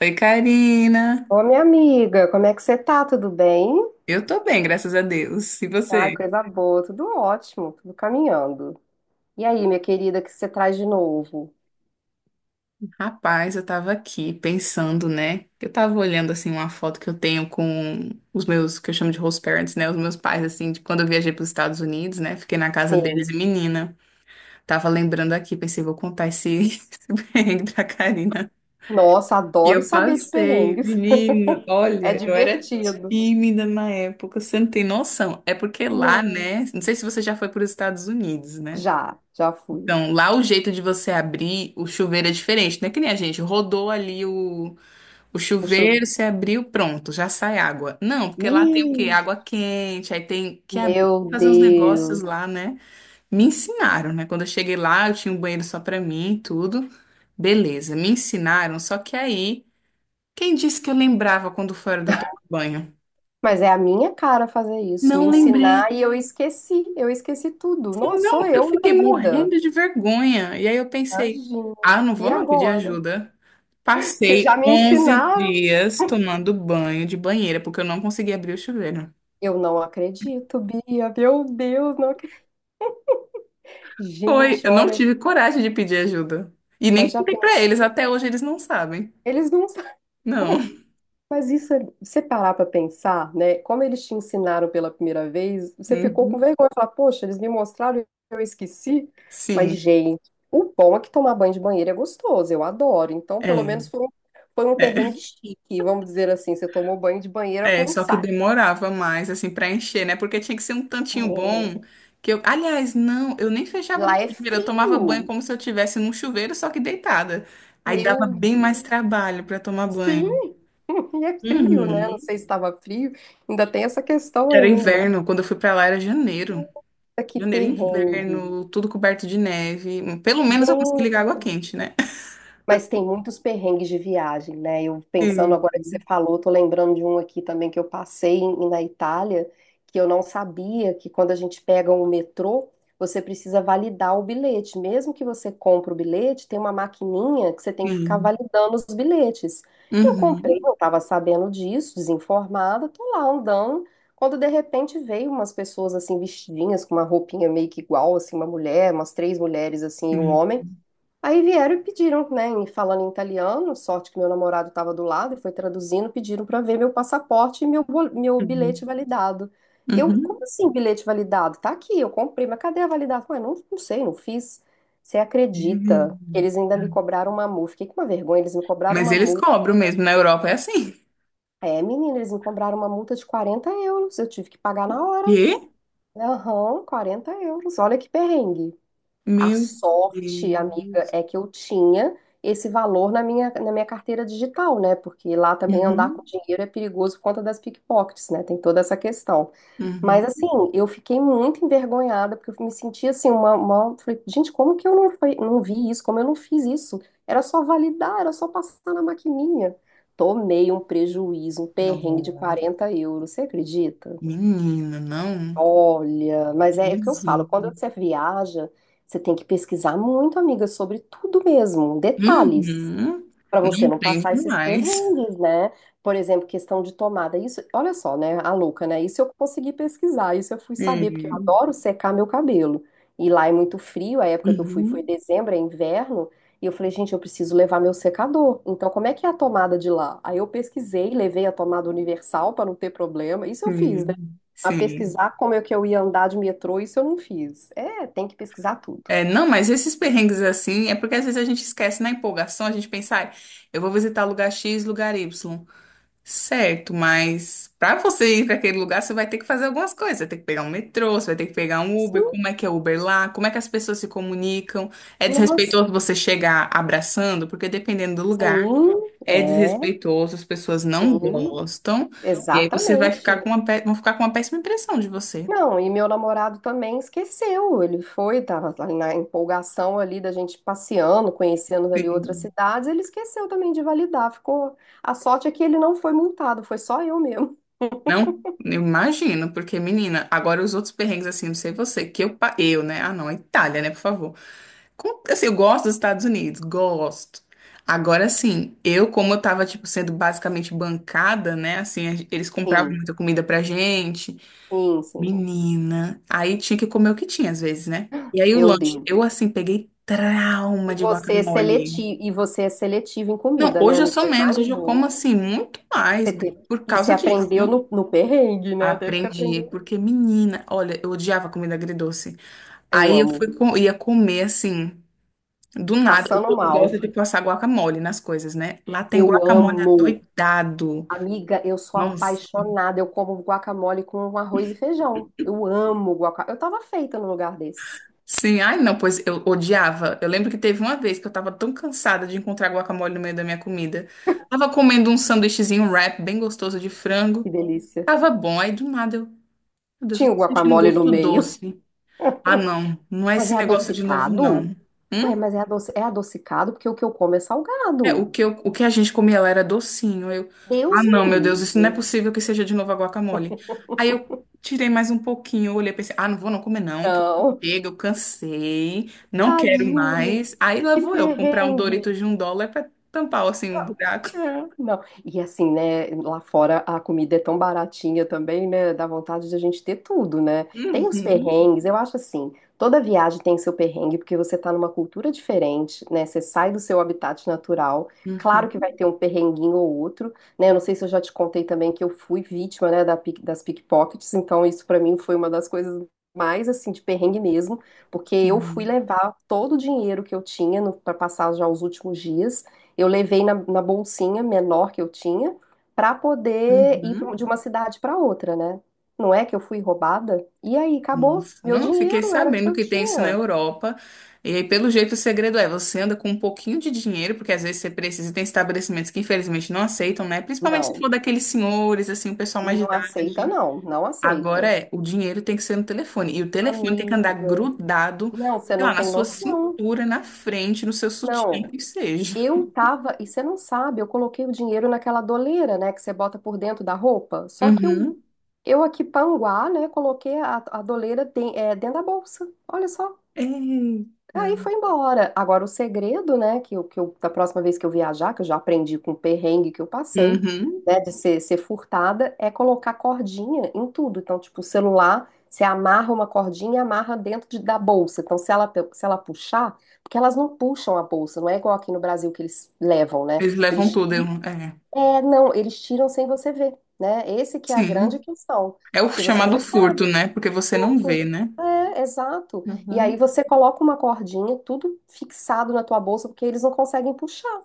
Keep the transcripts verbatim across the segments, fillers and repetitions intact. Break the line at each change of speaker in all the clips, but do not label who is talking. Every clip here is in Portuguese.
Oi, Karina.
Ô, minha amiga, como é que você tá? Tudo bem?
Eu tô bem, graças a Deus. E
Ai,
você?
coisa boa, tudo ótimo, tudo caminhando. E aí, minha querida, o que você traz de novo?
Rapaz, eu tava aqui pensando, né? Eu tava olhando assim uma foto que eu tenho com os meus, que eu chamo de host parents, né? Os meus pais, assim, de quando eu viajei para os Estados Unidos, né? Fiquei na casa deles e
Sim.
menina. Tava lembrando aqui, pensei, vou contar esse, esse perrengue pra Karina.
Nossa,
E
adoro
eu
saber de
passei,
perrengues.
menina,
É
olha, eu era
divertido.
tímida na época, você não tem noção. É porque lá,
Não.
né? Não sei se você já foi para os Estados Unidos, né?
Já, já fui.
Então, lá o jeito de você abrir o chuveiro é diferente, não é que nem a gente, rodou ali o, o
O
chuveiro,
chuveiro.
você abriu, pronto, já sai água. Não, porque lá tem o quê?
Ih,
Água quente, aí tem que abrir,
meu
fazer uns
Deus.
negócios lá, né? Me ensinaram, né? Quando eu cheguei lá, eu tinha um banheiro só pra mim, e tudo. Beleza, me ensinaram, só que aí, quem disse que eu lembrava quando fora de eu tomar banho?
Mas é a minha cara fazer isso, me
Não lembrei.
ensinar e eu esqueci. Eu esqueci tudo. Nossa, sou
Não, eu
eu na
fiquei
vida.
morrendo de vergonha. E aí eu pensei,
Imagina.
ah, não vou
E
não pedir
agora?
ajuda.
Porque já
Passei
me
onze
ensinaram.
dias tomando banho de banheira, porque eu não consegui abrir o chuveiro.
Eu não acredito, Bia. Meu Deus, não acredito.
Foi,
Gente,
eu não
olha,
tive coragem de pedir ajuda. E nem
mas já
contei pra eles,
pensou?
até hoje eles não sabem.
Eles não sabem.
Não.
Mas isso, é- você parar pra pensar, né? Como eles te ensinaram pela primeira vez, você ficou
Uhum.
com vergonha e falar, poxa, eles me mostraram e eu esqueci. Mas,
Sim,
gente, o bom é que tomar banho de banheiro é gostoso, eu adoro. Então, pelo menos
é.
foi um, foi um
É.
perrengue chique, vamos dizer assim. Você tomou banho de banheira
É,
com um
só que
saco.
demorava mais, assim, pra encher, né? Porque tinha que ser um tantinho
É.
bom que eu... Aliás, não, eu nem
E
fechava a
lá é
banheira, eu tomava banho
frio.
como se eu estivesse num chuveiro, só que deitada. Aí dava
Meu
bem mais
Deus.
trabalho pra tomar
Sim,
banho.
e é frio, né? Não
Uhum.
sei se estava frio, ainda tem essa questão
Era
ainda.
inverno, quando eu fui pra lá era janeiro.
Olha que
Janeiro,
perrengue.
inverno, tudo coberto de neve. Pelo menos eu consegui
Gente.
ligar água quente, né?
Mas tem muitos perrengues de viagem, né? Eu pensando
Sim,
agora que você falou, tô lembrando de um aqui também que eu passei em- na Itália, que eu não sabia que quando a gente pega o metrô, você precisa validar o bilhete. Mesmo que você compre o bilhete, tem uma maquininha que você tem que ficar
sim.
validando os bilhetes. Eu comprei,
Uhum,
não estava sabendo disso, desinformada, tô lá andando. Quando de repente veio umas pessoas assim vestidinhas com uma roupinha meio que igual, assim, uma mulher, umas três mulheres assim, e um
sim.
homem. Aí vieram e pediram, né, em- falando em italiano, sorte que meu namorado estava do lado e foi traduzindo, pediram para ver meu passaporte e meu, bol- meu bilhete
Uhum.
validado. Eu, como
Uhum.
assim bilhete validado? Tá aqui, eu comprei, mas cadê a validação? Ué, não, não sei, não fiz. Você acredita?
Uhum.
Eles ainda me cobraram uma multa. Fiquei com uma vergonha, eles me cobraram
Mas
uma
eles
multa.
cobram mesmo, na Europa é assim.
É, menina, eles me cobraram uma multa de quarenta euros. Eu tive que pagar na hora.
Quê?
Aham, quarenta euros. Olha que perrengue. A
Meu
sorte, amiga,
Deus.
é que eu tinha esse valor na minha, na minha carteira digital, né? Porque lá também andar com
Uhum.
dinheiro é perigoso por conta das pickpockets, né? Tem toda essa questão. Mas
Uhum.
assim, eu fiquei muito envergonhada, porque eu me senti assim, uma, uma... Falei, gente, como que eu não, fui- não vi isso? Como eu não fiz isso? Era só validar, era só passar na maquininha. Tomei um prejuízo, um perrengue de
Nossa,
quarenta euros, você acredita?
menina, não.
Olha, mas é o que eu falo,
Jesus.
quando você viaja, você tem que pesquisar muito, amiga, sobre tudo mesmo, detalhes,
Uhum.
para
Não
você não passar
entende
esses
mais.
perrengues, né? Por exemplo, questão de tomada. Isso, olha só, né, a louca, né? Isso eu consegui pesquisar, isso eu fui saber, porque eu
Sim.
adoro secar meu cabelo. E lá é muito frio, a época que eu fui foi
Uhum.
dezembro, é inverno, e eu falei, gente, eu preciso levar meu secador. Então, como é que é a tomada de lá? Aí eu pesquisei, levei a tomada universal para não ter problema. Isso eu fiz,
Sim.
a
Sim.
pesquisar como é que eu ia andar de metrô, isso eu não fiz. É, tem que pesquisar tudo.
É, não, mas esses perrengues assim, é porque às vezes a gente esquece na empolgação, a gente pensa, "Ai, eu vou visitar lugar X, lugar Y. Certo, mas para você ir para aquele lugar, você vai ter que fazer algumas coisas. Você vai ter que pegar um metrô, você vai ter que pegar um Uber.
Sim,
Como é que é Uber lá? Como é que as pessoas se comunicam? É
nossa,
desrespeitoso você chegar abraçando, porque dependendo do lugar,
sim,
é
é,
desrespeitoso, as pessoas não
sim,
gostam. E aí você vai ficar
exatamente.
com uma, pé- vão ficar com uma péssima impressão de você.
Não, e meu namorado também esqueceu. Ele foi, tava lá na empolgação ali da gente passeando, conhecendo ali outras
Sim.
cidades, ele esqueceu também de validar. Ficou. A sorte é que ele não foi multado, foi só eu mesmo.
Não? Eu imagino, porque, menina, agora os outros perrengues, assim, não sei você, que eu, pa- eu, né? Ah, não, a Itália, né, por favor. Com- Assim, eu gosto dos Estados Unidos, gosto. Agora sim, eu, como eu tava, tipo, sendo basicamente bancada, né? Assim, a gen- eles compravam
Sim,
muita comida pra gente.
sim, sim.
Menina. Aí tinha que comer o que tinha, às vezes, né? E aí o
Meu
lanche, eu,
Deus.
assim, peguei trauma
E
de
você é
guacamole.
seletivo, e você é seletivo em
Não,
comida, né,
hoje eu
amigo?
sou
Eu
menos, hoje eu como,
imagino.
assim, muito mais
Você teve...
por
E você
causa disso.
aprendeu no, no perrengue, né? Teve que
Aprendi,
aprender.
porque menina, olha, eu odiava comida agridoce.
Eu
Aí eu fui,
amo.
co- ia comer assim. Do nada, o
Passando
povo
mal.
gosta de passar guacamole nas coisas, né? Lá tem
Eu
guacamole
amo.
adoidado.
Amiga, eu sou
Nossa.
apaixonada. Eu como guacamole com arroz e feijão. Eu amo guacamole. Eu tava feita num lugar desse.
Sim, ai não, pois eu odiava. Eu lembro que teve uma vez que eu tava tão cansada de encontrar guacamole no meio da minha comida. Tava comendo um sanduíchezinho um wrap bem gostoso de
Que
frango.
delícia.
Tava bom, aí do nada eu, meu Deus,
Tinha
eu
o
tô sentindo um
guacamole no
gosto
meio.
doce. Ah, não, não é
Mas é
esse negócio de novo,
adocicado?
não.
Ué, mas é, adoci- é adocicado porque o que eu como é
É, o
salgado.
que, eu- o que a gente comia lá era docinho. Eu, ah,
Deus me
não, meu Deus, isso não é
livre.
possível que seja de novo a guacamole. Aí eu tirei mais um pouquinho, olhei e pensei, ah, não vou não comer não, que
Não.
chega, eu cansei, não quero
Tadinha.
mais. Aí lá
Que
vou eu comprar um
perrengue.
Doritos de um dólar pra tampar, assim, um buraco.
É. Não, e assim, né, lá fora a comida é tão baratinha também, né, dá vontade de a gente ter tudo, né? Tem os
Uhum,
perrengues, eu acho assim, toda viagem tem seu perrengue, porque você tá numa cultura diferente, né, você sai do seu habitat natural, claro que
uhum,
vai ter um perrenguinho ou outro, né, eu não sei se eu já te contei também que eu fui vítima, né, da pick- das pickpockets, então isso pra mim foi uma das coisas mais, assim, de perrengue mesmo, porque eu fui
sim,
levar todo o dinheiro que eu tinha para passar já os últimos dias, eu levei na, na bolsinha menor que eu tinha para poder ir pra
uhum.
um- de uma cidade para outra, né? Não é que eu fui roubada? E aí, acabou.
Nossa,
Meu
não fiquei
dinheiro era o que
sabendo
eu
que tem isso na
tinha.
Europa. E aí, pelo jeito, o segredo é você anda com um pouquinho de dinheiro, porque às vezes você precisa, e tem estabelecimentos que infelizmente não aceitam, né? Principalmente se
Não,
for daqueles senhores, assim, o pessoal mais de
não aceita,
idade.
não, não
Agora
aceita.
é, o dinheiro tem que ser no telefone. E o telefone tem que andar
Amiga,
grudado,
não, você
sei
não
lá, na
tem
sua
noção.
cintura, na frente, no seu sutiã,
Não,
que seja.
eu tava, e você não sabe, eu coloquei o dinheiro naquela doleira, né, que você bota por dentro da roupa. Só que eu,
Uhum.
eu aqui panguá, né, coloquei a, a doleira de- é, dentro da bolsa. Olha só.
Eita.
Aí foi embora. Agora, o segredo, né, que eu, que eu, da próxima vez que eu viajar, que eu já aprendi com o perrengue que eu passei,
Uhum.
né, de ser, ser furtada, é colocar cordinha em tudo. Então, tipo, o celular, você amarra uma cordinha e amarra dentro de- da bolsa. Então, se ela, pe- se ela puxar, porque elas não puxam a bolsa, não é igual aqui no Brasil que eles levam, né?
Eles levam
Eles,
tudo. Eu-
ti-
É.
é, não, eles tiram sem você ver, né? Esse que é a grande
Sim.
questão,
É o
porque você
chamado
nem
furto, né?
sabe.
Porque você não vê,
Pronto.
né?
É, exato. E aí
Uhum.
você coloca uma cordinha, tudo fixado na tua bolsa, porque eles não conseguem puxar.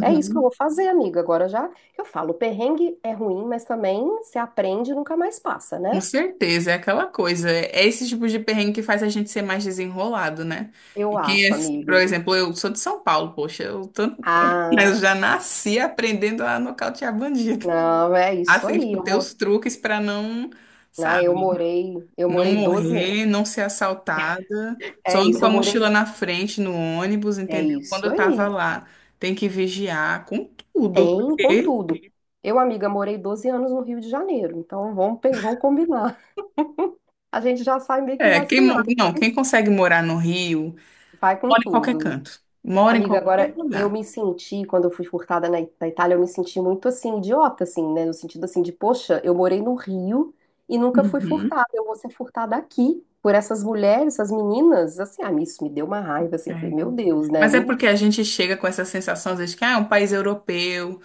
É isso que eu vou fazer, amiga. Agora já eu falo, o perrengue é ruim, mas também se aprende e nunca mais passa,
Com
né?
certeza, é aquela coisa. É esse tipo de perrengue que faz a gente ser mais desenrolado, né? E
Eu
quem é,
acho,
por
amiga.
exemplo, eu sou de São Paulo, poxa, eu, tô, mas
Ah,
eu já nasci aprendendo a nocautear bandido.
não, é isso
Assim,
aí.
tipo,
Eu,
ter
mo-
os truques pra não,
ah, eu
sabe,
morei, eu
não
morei doze anos.
morrer, não ser assaltada. Só
É
ando
isso,
com
eu
a
morei.
mochila na frente no ônibus,
É
entendeu? Quando
isso
eu tava
aí.
lá, tem que vigiar com tudo,
Tem,
porque
contudo. Eu, amiga, morei doze anos no Rio de Janeiro, então vamos, pe- vamos combinar. A gente já sai meio que
é, quem, mo-
vacinado.
não, quem consegue morar no Rio.
Vai com
Mora em qualquer
tudo.
canto. Mora em
Amiga,
qualquer
agora eu
lugar.
me senti, quando eu fui furtada na, na Itália, eu me senti muito assim, idiota, assim, né? No sentido assim de, poxa, eu morei no Rio e nunca fui
Uhum,
furtada. Eu vou ser furtada aqui por essas mulheres, essas meninas. Assim, ah, isso me deu uma raiva, assim.
é.
Eu falei, meu Deus, né?
Mas é
Não,
porque a gente chega com essa sensação, às vezes, que ah, é um país europeu,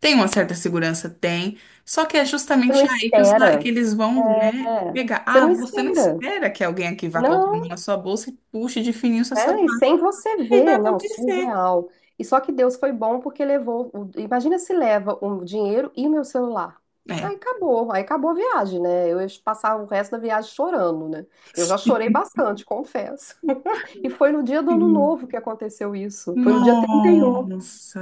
tem uma certa segurança, tem. Só que é
você não
justamente aí que, os- que
espera.
eles vão, né,
É,
pegar.
você
Ah,
não
você não
espera.
espera que alguém aqui vá colocar a mão
Não.
na sua bolsa e puxe de fininho seu
É, e
celular.
sem você
Aí vai
ver, não,
acontecer.
surreal. E só que Deus foi bom porque levou. o- Imagina se leva o dinheiro e o meu celular. Aí
É.
acabou, aí acabou a viagem, né? Eu ia passar o resto da viagem chorando, né? Eu já chorei bastante, confesso. E foi no dia do Ano
Sim.
Novo que aconteceu isso. Foi no dia trinta e um.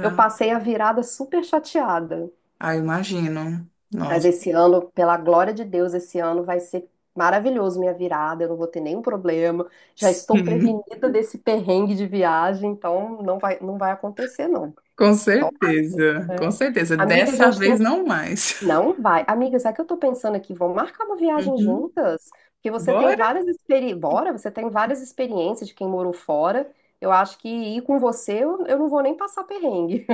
Eu passei a virada super chateada.
Ah, imagino.
Mas
Nossa.
esse ano, pela glória de Deus, esse ano vai ser maravilhoso minha virada, eu não vou ter nenhum problema. Já estou
Hum,
prevenida desse perrengue de viagem, então não vai, não vai acontecer, não.
com
Então,
certeza, com
é,
certeza.
amiga, a
Dessa
gente tem
vez
que.
não mais.
Não vai. Amiga, sabe o que eu tô pensando aqui? Vamos marcar uma viagem
Uhum.
juntas? Porque você tem
Bora?
várias experiências. Bora, você tem várias experiências de quem morou fora. Eu acho que ir com você, eu, eu não vou nem passar perrengue,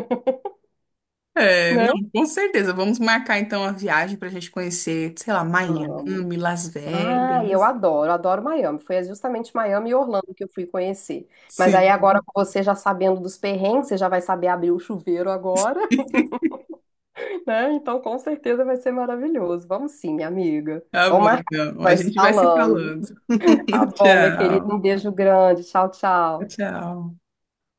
É,
né?
não, com certeza. Vamos marcar então a viagem para a gente conhecer, sei lá,
Vamos.
Miami, Las
Ah, e eu
Vegas.
adoro, adoro Miami. Foi justamente Miami e Orlando que eu fui conhecer. Mas aí
Sim,
agora com você já sabendo dos perrengues, você já vai saber abrir o chuveiro agora, né? Então com certeza vai ser maravilhoso. Vamos sim, minha amiga.
tá
Vamos
bom
marcar,
então. A
vai se
gente vai se
falando.
falando.
Tá bom, minha querida. Um
Tchau,
beijo grande. Tchau, tchau.
tchau.